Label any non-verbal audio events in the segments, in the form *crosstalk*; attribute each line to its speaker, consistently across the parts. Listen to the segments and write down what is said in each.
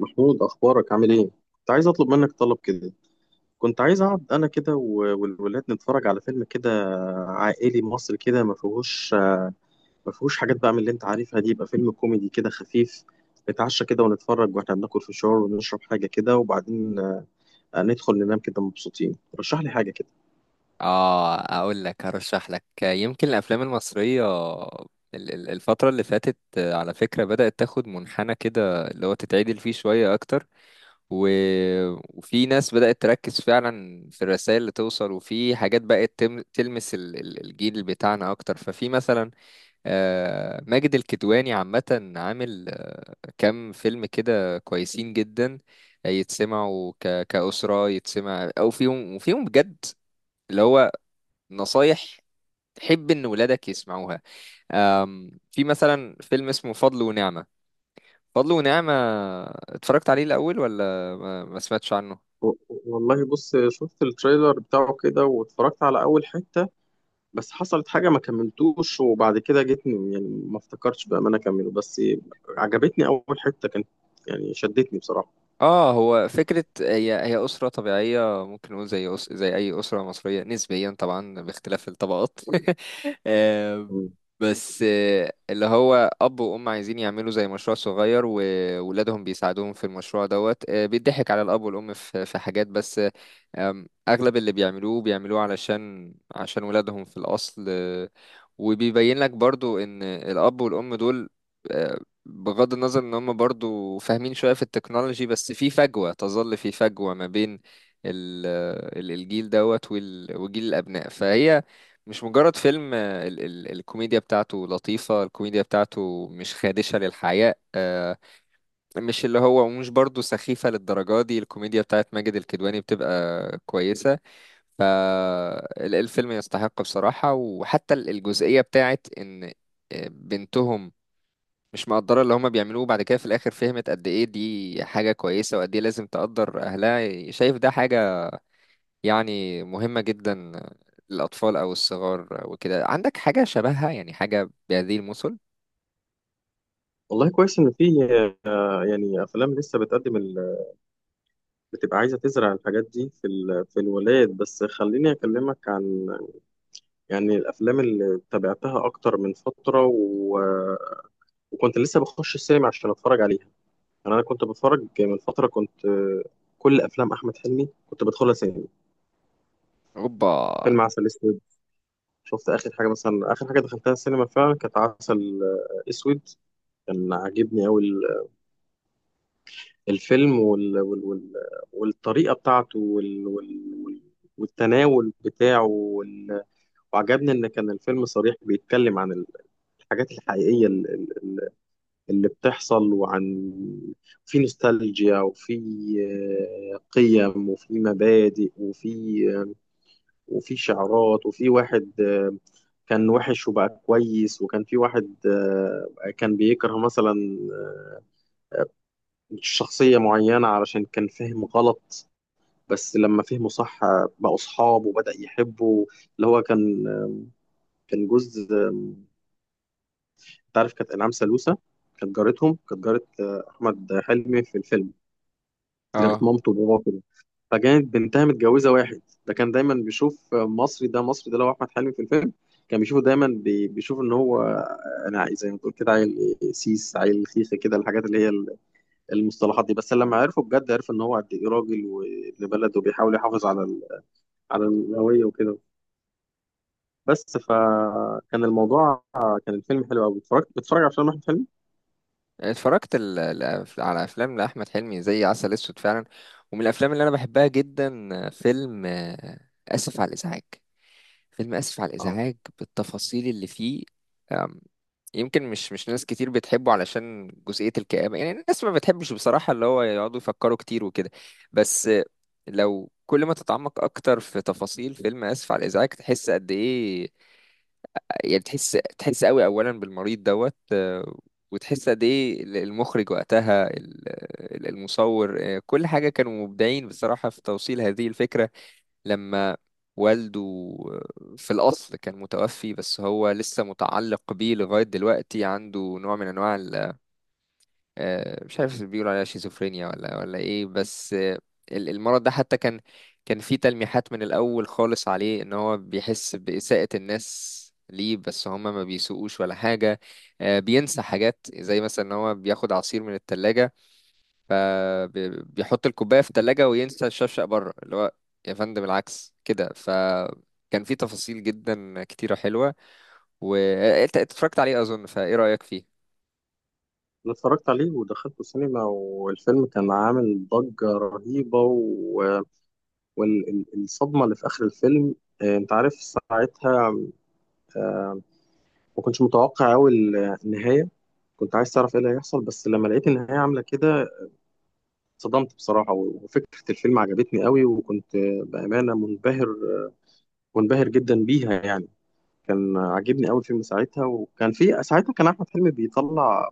Speaker 1: محمود، اخبارك؟ عامل ايه؟ كنت عايز اطلب منك طلب كده. كنت عايز اقعد انا كده والولاد نتفرج على فيلم كده، عائلي مصري كده، ما فيهوش، ما فيهوش حاجات بقى من اللي انت عارفها دي. يبقى فيلم كوميدي كده خفيف، نتعشى كده ونتفرج واحنا بناكل فشار ونشرب حاجه كده، وبعدين ندخل ننام كده مبسوطين. رشح لي حاجه كده.
Speaker 2: اه، اقول لك هرشح لك يمكن الافلام المصريه الفتره اللي فاتت، على فكره بدات تاخد منحنى كده اللي هو تتعدل فيه شويه اكتر و... وفي ناس بدات تركز فعلا في الرسائل اللي توصل وفي حاجات بقت تلمس الجيل بتاعنا اكتر. ففي مثلا ماجد الكدواني عامه عامل كام فيلم كده كويسين جدا يتسمعوا كأسرة يتسمع أو فيهم، وفيهم بجد اللي هو نصايح تحب ان ولادك يسمعوها. في مثلا فيلم اسمه فضل ونعمة. فضل ونعمة اتفرجت عليه الاول ولا ما سمعتش عنه؟
Speaker 1: و- والله بص، شفت التريلر بتاعه كده واتفرجت على اول حته، بس حصلت حاجة ما كملتوش، وبعد كده جيت يعني ما افتكرتش بأمانة أكمله. بس عجبتني أول حتة، كانت يعني شدتني بصراحة.
Speaker 2: اه، هو فكرة هي أسرة طبيعية ممكن نقول زي زي أي أسرة مصرية نسبيا، طبعا باختلاف الطبقات. *laughs* آه،
Speaker 1: مم.
Speaker 2: بس اللي هو أب وأم عايزين يعملوا زي مشروع صغير، وولادهم بيساعدوهم في المشروع دوت. بيضحك على الأب والأم في حاجات، بس أغلب اللي بيعملوه بيعملوه علشان عشان ولادهم في الأصل. وبيبين لك برضو ان الاب والام دول، آه، بغض النظر ان هم برضو فاهمين شوية في التكنولوجي، بس في فجوة، تظل في فجوة ما بين ال- الجيل دوت وجيل الابناء. فهي مش مجرد فيلم. ال الكوميديا بتاعته لطيفة، الكوميديا بتاعته مش خادشة للحياء. مش اللي هو مش برضو سخيفة للدرجة دي. الكوميديا بتاعت ماجد الكدواني بتبقى كويسة. فالفيلم يستحق بصراحة. وحتى الجزئية بتاعت إن بنتهم مش مقدرة اللي هما بيعملوه، بعد كده في الآخر فهمت قد إيه دي حاجة كويسة، وقد إيه لازم تقدر أهلها. شايف ده حاجة يعني مهمة جدا للأطفال أو الصغار وكده. عندك حاجة شبهها يعني، حاجة بهذه المثل؟
Speaker 1: والله كويس إن في يعني أفلام لسه بتقدم بتبقى عايزة تزرع الحاجات دي في في الولايات. بس خليني أكلمك عن يعني الأفلام اللي تابعتها، أكتر من فترة وكنت لسه بخش السينما عشان أتفرج عليها. يعني أنا كنت بتفرج من فترة، كنت كل أفلام أحمد حلمي كنت بدخلها سينما.
Speaker 2: أوبا.
Speaker 1: فيلم عسل أسود، شفت اخر حاجه مثلا، اخر حاجه دخلتها السينما فعلا كانت عسل اسود. كان عاجبني قوي الفيلم والطريقه بتاعته والتناول بتاعه وعجبني ان كان الفيلم صريح، بيتكلم عن الحاجات الحقيقيه اللي بتحصل، وعن في نوستالجيا، وفي قيم، وفي مبادئ، وفي وفي شعارات، وفي واحد كان وحش وبقى كويس، وكان في واحد كان بيكره مثلا شخصية معينة علشان كان فهم غلط، بس لما فهمه صح بقوا أصحاب وبدأ يحبه. اللي هو كان كان جوز أنت عارف كانت إنعام سالوسة، كانت جارتهم، كانت جارة أحمد حلمي في الفيلم، جارة
Speaker 2: آه،
Speaker 1: مامته وباباه. فكانت بنتها متجوزة واحد ده كان دايما بيشوف مصري ده، مصري ده اللي هو أحمد حلمي في الفيلم، كان بيشوفه دايما بيشوف إن هو أنا زي ما تقول كده عيل سيس، عيل خيخة كده، الحاجات اللي هي المصطلحات دي. بس لما عرفه بجد عرف إن هو قد إيه راجل وابن بلد، وبيحاول يحافظ على على الهوية وكده. بس فكان الموضوع، كان الفيلم حلو قوي. اتفرجت؟ بتتفرج على فيلم أحمد حلمي؟
Speaker 2: اتفرجت على أفلام لأحمد حلمي زي عسل أسود فعلا. ومن الأفلام اللي أنا بحبها جدا فيلم آسف على الإزعاج. فيلم آسف على
Speaker 1: اه.
Speaker 2: الإزعاج بالتفاصيل اللي فيه. أم، يمكن مش ناس كتير بتحبه علشان جزئية الكآبة. يعني الناس ما بتحبش بصراحة اللي هو يقعدوا يفكروا كتير وكده. بس لو كل ما تتعمق أكتر في تفاصيل فيلم آسف على الإزعاج تحس قد إيه. يعني تحس قوي أولا بالمريض دوت. وتحس قد إيه المخرج وقتها، المصور، كل حاجة، كانوا مبدعين بصراحة في توصيل هذه الفكرة. لما والده في الأصل كان متوفي بس هو لسه متعلق بيه لغاية دلوقتي، عنده نوع من أنواع مش عارف بيقولوا عليها شيزوفرينيا ولا إيه، بس المرض ده حتى كان، كان فيه تلميحات من الأول خالص عليه إن هو بيحس بإساءة الناس ليه، بس هما ما بيسوقوش ولا حاجة. بينسى حاجات زي مثلا إن هو بياخد عصير من التلاجة، فبيحط الكوباية في التلاجة وينسى الشفشق بره، اللي هو يا فندم العكس كده. فكان في تفاصيل جدا كتيرة حلوة. وانت اتفرجت عليه أظن، فايه رأيك فيه؟
Speaker 1: أنا اتفرجت عليه ودخلته السينما، والفيلم كان عامل ضجة رهيبة، و والصدمة اللي في آخر الفيلم، أنت عارف ساعتها ما كنتش متوقع أوي النهاية. كنت عايز تعرف إيه اللي هيحصل، بس لما لقيت النهاية عاملة كده اتصدمت بصراحة. وفكرة الفيلم عجبتني أوي، وكنت بأمانة منبهر، منبهر جدا بيها يعني. كان عاجبني أوي الفيلم ساعتها، وكان في ساعتها كان أحمد حلمي بيطلع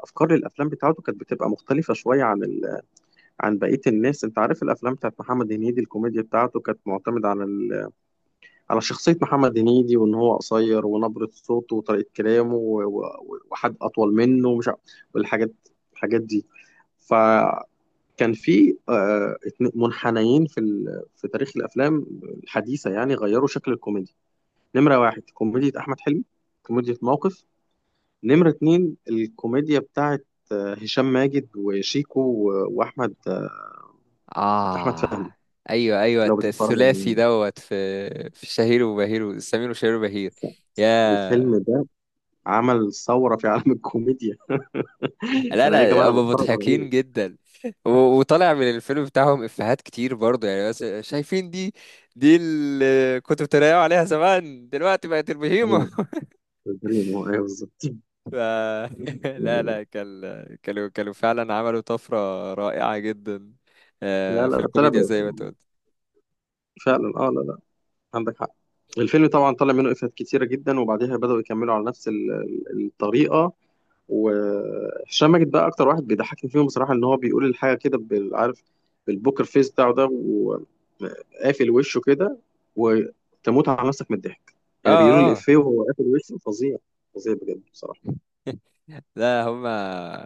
Speaker 1: أفكار للأفلام بتاعته، كانت بتبقى مختلفة شوية عن عن بقية الناس. أنت عارف الأفلام بتاعت محمد هنيدي، الكوميديا بتاعته كانت معتمدة على على شخصية محمد هنيدي، وإن هو قصير، ونبرة صوته، وطريقة كلامه، وحد أطول منه ومش عارف، والحاجات، الحاجات دي. فكان في منحنيين في في تاريخ الأفلام الحديثة يعني، غيروا شكل الكوميديا. نمرة واحد كوميديا أحمد حلمي، كوميديا موقف. نمرة اتنين الكوميديا بتاعت هشام ماجد وشيكو وأحمد أحمد
Speaker 2: آه،
Speaker 1: فهمي.
Speaker 2: أيوه أيوه،
Speaker 1: لو بتتفرج
Speaker 2: الثلاثي دوت في شهير وبهير، سمير وشهير وبهير.
Speaker 1: على الفيلم
Speaker 2: يا،
Speaker 1: ده، عمل ثورة في عالم الكوميديا. *laughs*
Speaker 2: لا
Speaker 1: انا ايه يا جماعه؟
Speaker 2: لا،
Speaker 1: انا
Speaker 2: هما
Speaker 1: بتفرج على
Speaker 2: مضحكين
Speaker 1: ايه؟
Speaker 2: جدا. وطالع من الفيلم بتاعهم إفيهات كتير برضه، يعني بس شايفين دي، دي اللي كنتوا بتريقوا عليها زمان، دلوقتي بقت البهيمة.
Speaker 1: ايوه، البريم هو، ايوه بالظبط. *laughs*
Speaker 2: ف... *laughs* لا
Speaker 1: يعني
Speaker 2: لا كان، كانوا فعلا عملوا طفرة رائعة جدا،
Speaker 1: لا
Speaker 2: في
Speaker 1: لا طلع
Speaker 2: الكوميديا
Speaker 1: بقى.
Speaker 2: زي ما انت قلت.
Speaker 1: فعلا اه، لا لا عندك حق. الفيلم طبعا طلع منه افيهات كتيره جدا، وبعديها بداوا يكملوا على نفس الطريقه. وهشام ماجد بقى اكتر واحد بيضحكني فيهم بصراحه، ان هو بيقول الحاجه كده عارف بالبوكر فيس بتاعه ده، وقافل وشه كده وتموت على نفسك من الضحك.
Speaker 2: اه
Speaker 1: يعني بيقولوا
Speaker 2: اه.
Speaker 1: الافيه وهو قافل وشه، فظيع، فظيع بجد بصراحه.
Speaker 2: لا هما،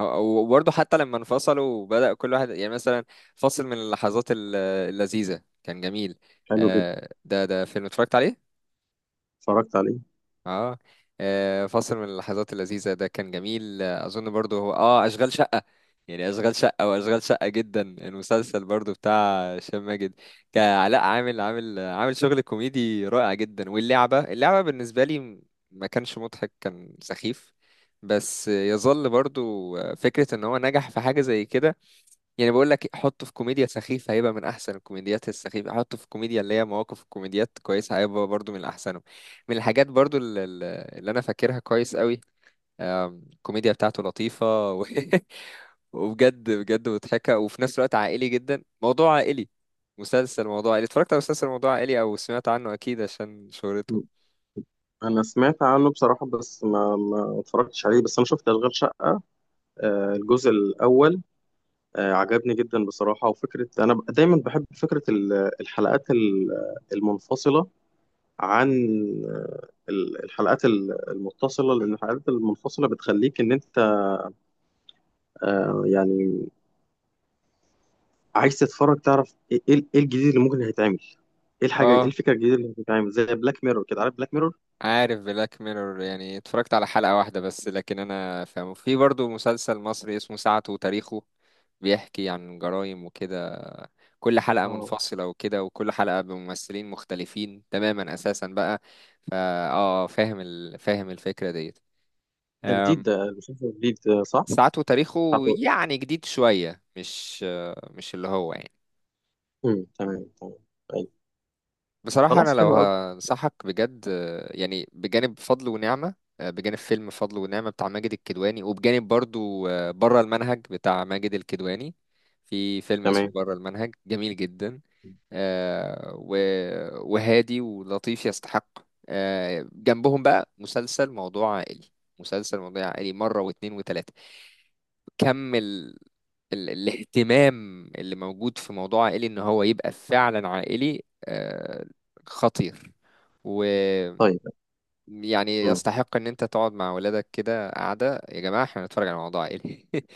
Speaker 2: وبرضه حتى لما انفصلوا وبدأ كل واحد يعني مثلا، فصل من اللحظات اللذيذة كان جميل.
Speaker 1: حلو جدا.
Speaker 2: ده فيلم اتفرجت عليه.
Speaker 1: اتفرجت عليه.
Speaker 2: اه. آه، فاصل من اللحظات اللذيذة ده كان جميل. أظن برضو هو اه أشغال شقة. يعني أشغال شقة، وأشغال شقة جدا المسلسل برضو بتاع هشام ماجد كعلاء، عامل عامل شغل كوميدي رائع جدا. واللعبة، اللعبة بالنسبة لي ما كانش مضحك، كان سخيف. بس يظل برضو فكرة إن هو نجح في حاجة زي كده. يعني بقول لك حطه في كوميديا سخيفة هيبقى من أحسن الكوميديات السخيفة، حطه في كوميديا اللي هي مواقف الكوميديات كويسة هيبقى برضو من أحسنهم. من الحاجات برضو اللي أنا فاكرها كويس قوي، الكوميديا بتاعته لطيفة *laughs* وبجد بجد مضحكة، وفي نفس الوقت عائلي جدا، موضوع عائلي. مسلسل موضوع عائلي، اتفرجت على مسلسل موضوع عائلي أو سمعت عنه أكيد عشان شهرته؟
Speaker 1: انا سمعت عنه بصراحه، بس ما اتفرجتش عليه. بس انا شفت اشغال شقه، الجزء الاول، عجبني جدا بصراحه. وفكره انا دايما بحب فكره الحلقات المنفصله عن الحلقات المتصله، لان الحلقات المنفصله بتخليك ان انت يعني عايز تتفرج تعرف ايه إيه الجديد اللي ممكن هيتعمل، ايه الحاجه، ايه
Speaker 2: اه،
Speaker 1: الفكره الجديده اللي هتتعمل، زي بلاك ميرور كده. عارف بلاك ميرور؟
Speaker 2: عارف بلاك ميرور. يعني اتفرجت على حلقة واحدة بس، لكن انا فاهمه. في برضو مسلسل مصري اسمه ساعته وتاريخه، بيحكي عن جرائم وكده، كل حلقة
Speaker 1: اه،
Speaker 2: منفصلة وكده، وكل حلقة بممثلين مختلفين تماما اساسا بقى. فا، اه فاهم فاهم الفكرة ديت.
Speaker 1: ده جديد،
Speaker 2: أم،
Speaker 1: ده المسلسل الجديد صح؟
Speaker 2: ساعته وتاريخه
Speaker 1: بتاعته.
Speaker 2: يعني جديد شوية، مش، مش اللي هو يعني.
Speaker 1: امم، تمام تمام.
Speaker 2: بصراحة أنا
Speaker 1: خلاص،
Speaker 2: لو
Speaker 1: حلو قوي.
Speaker 2: هنصحك بجد، يعني بجانب فضل ونعمة، بجانب فيلم فضل ونعمة بتاع ماجد الكدواني، وبجانب برضو بره المنهج بتاع ماجد الكدواني. في فيلم اسمه
Speaker 1: تمام.
Speaker 2: بره المنهج جميل جدا، آه، و- وهادي ولطيف، يستحق. جنبهم بقى مسلسل موضوع عائلي. مسلسل موضوع عائلي مرة واتنين وتلاتة، كم الاهتمام اللي موجود في موضوع عائلي ان هو يبقى فعلا عائلي. خطير، ويعني
Speaker 1: طيب. مم.
Speaker 2: يستحق ان انت تقعد مع ولادك كده، قاعدة يا جماعة احنا هنتفرج على موضوع عائلي. *laughs*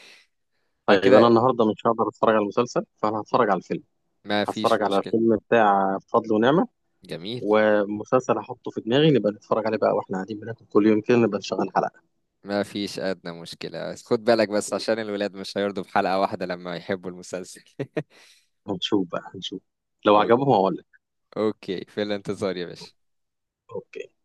Speaker 1: طيب، انا
Speaker 2: فكده
Speaker 1: النهارده مش هقدر اتفرج على المسلسل، فانا هتفرج على الفيلم،
Speaker 2: ما فيش
Speaker 1: هتفرج على
Speaker 2: مشكلة.
Speaker 1: فيلم بتاع فضل ونعمة،
Speaker 2: جميل.
Speaker 1: ومسلسل هحطه في دماغي نبقى نتفرج عليه بقى، واحنا قاعدين بناكل كل يوم كده نبقى نشغل حلقة.
Speaker 2: ما فيش أدنى مشكلة، خد بالك بس عشان الولاد مش هيرضوا بحلقة واحدة لما يحبوا المسلسل. *laughs*
Speaker 1: هنشوف بقى، هنشوف، لو
Speaker 2: أوك-
Speaker 1: عجبهم هقول لك.
Speaker 2: اوكي، في الانتظار يا باشا.
Speaker 1: اوكي.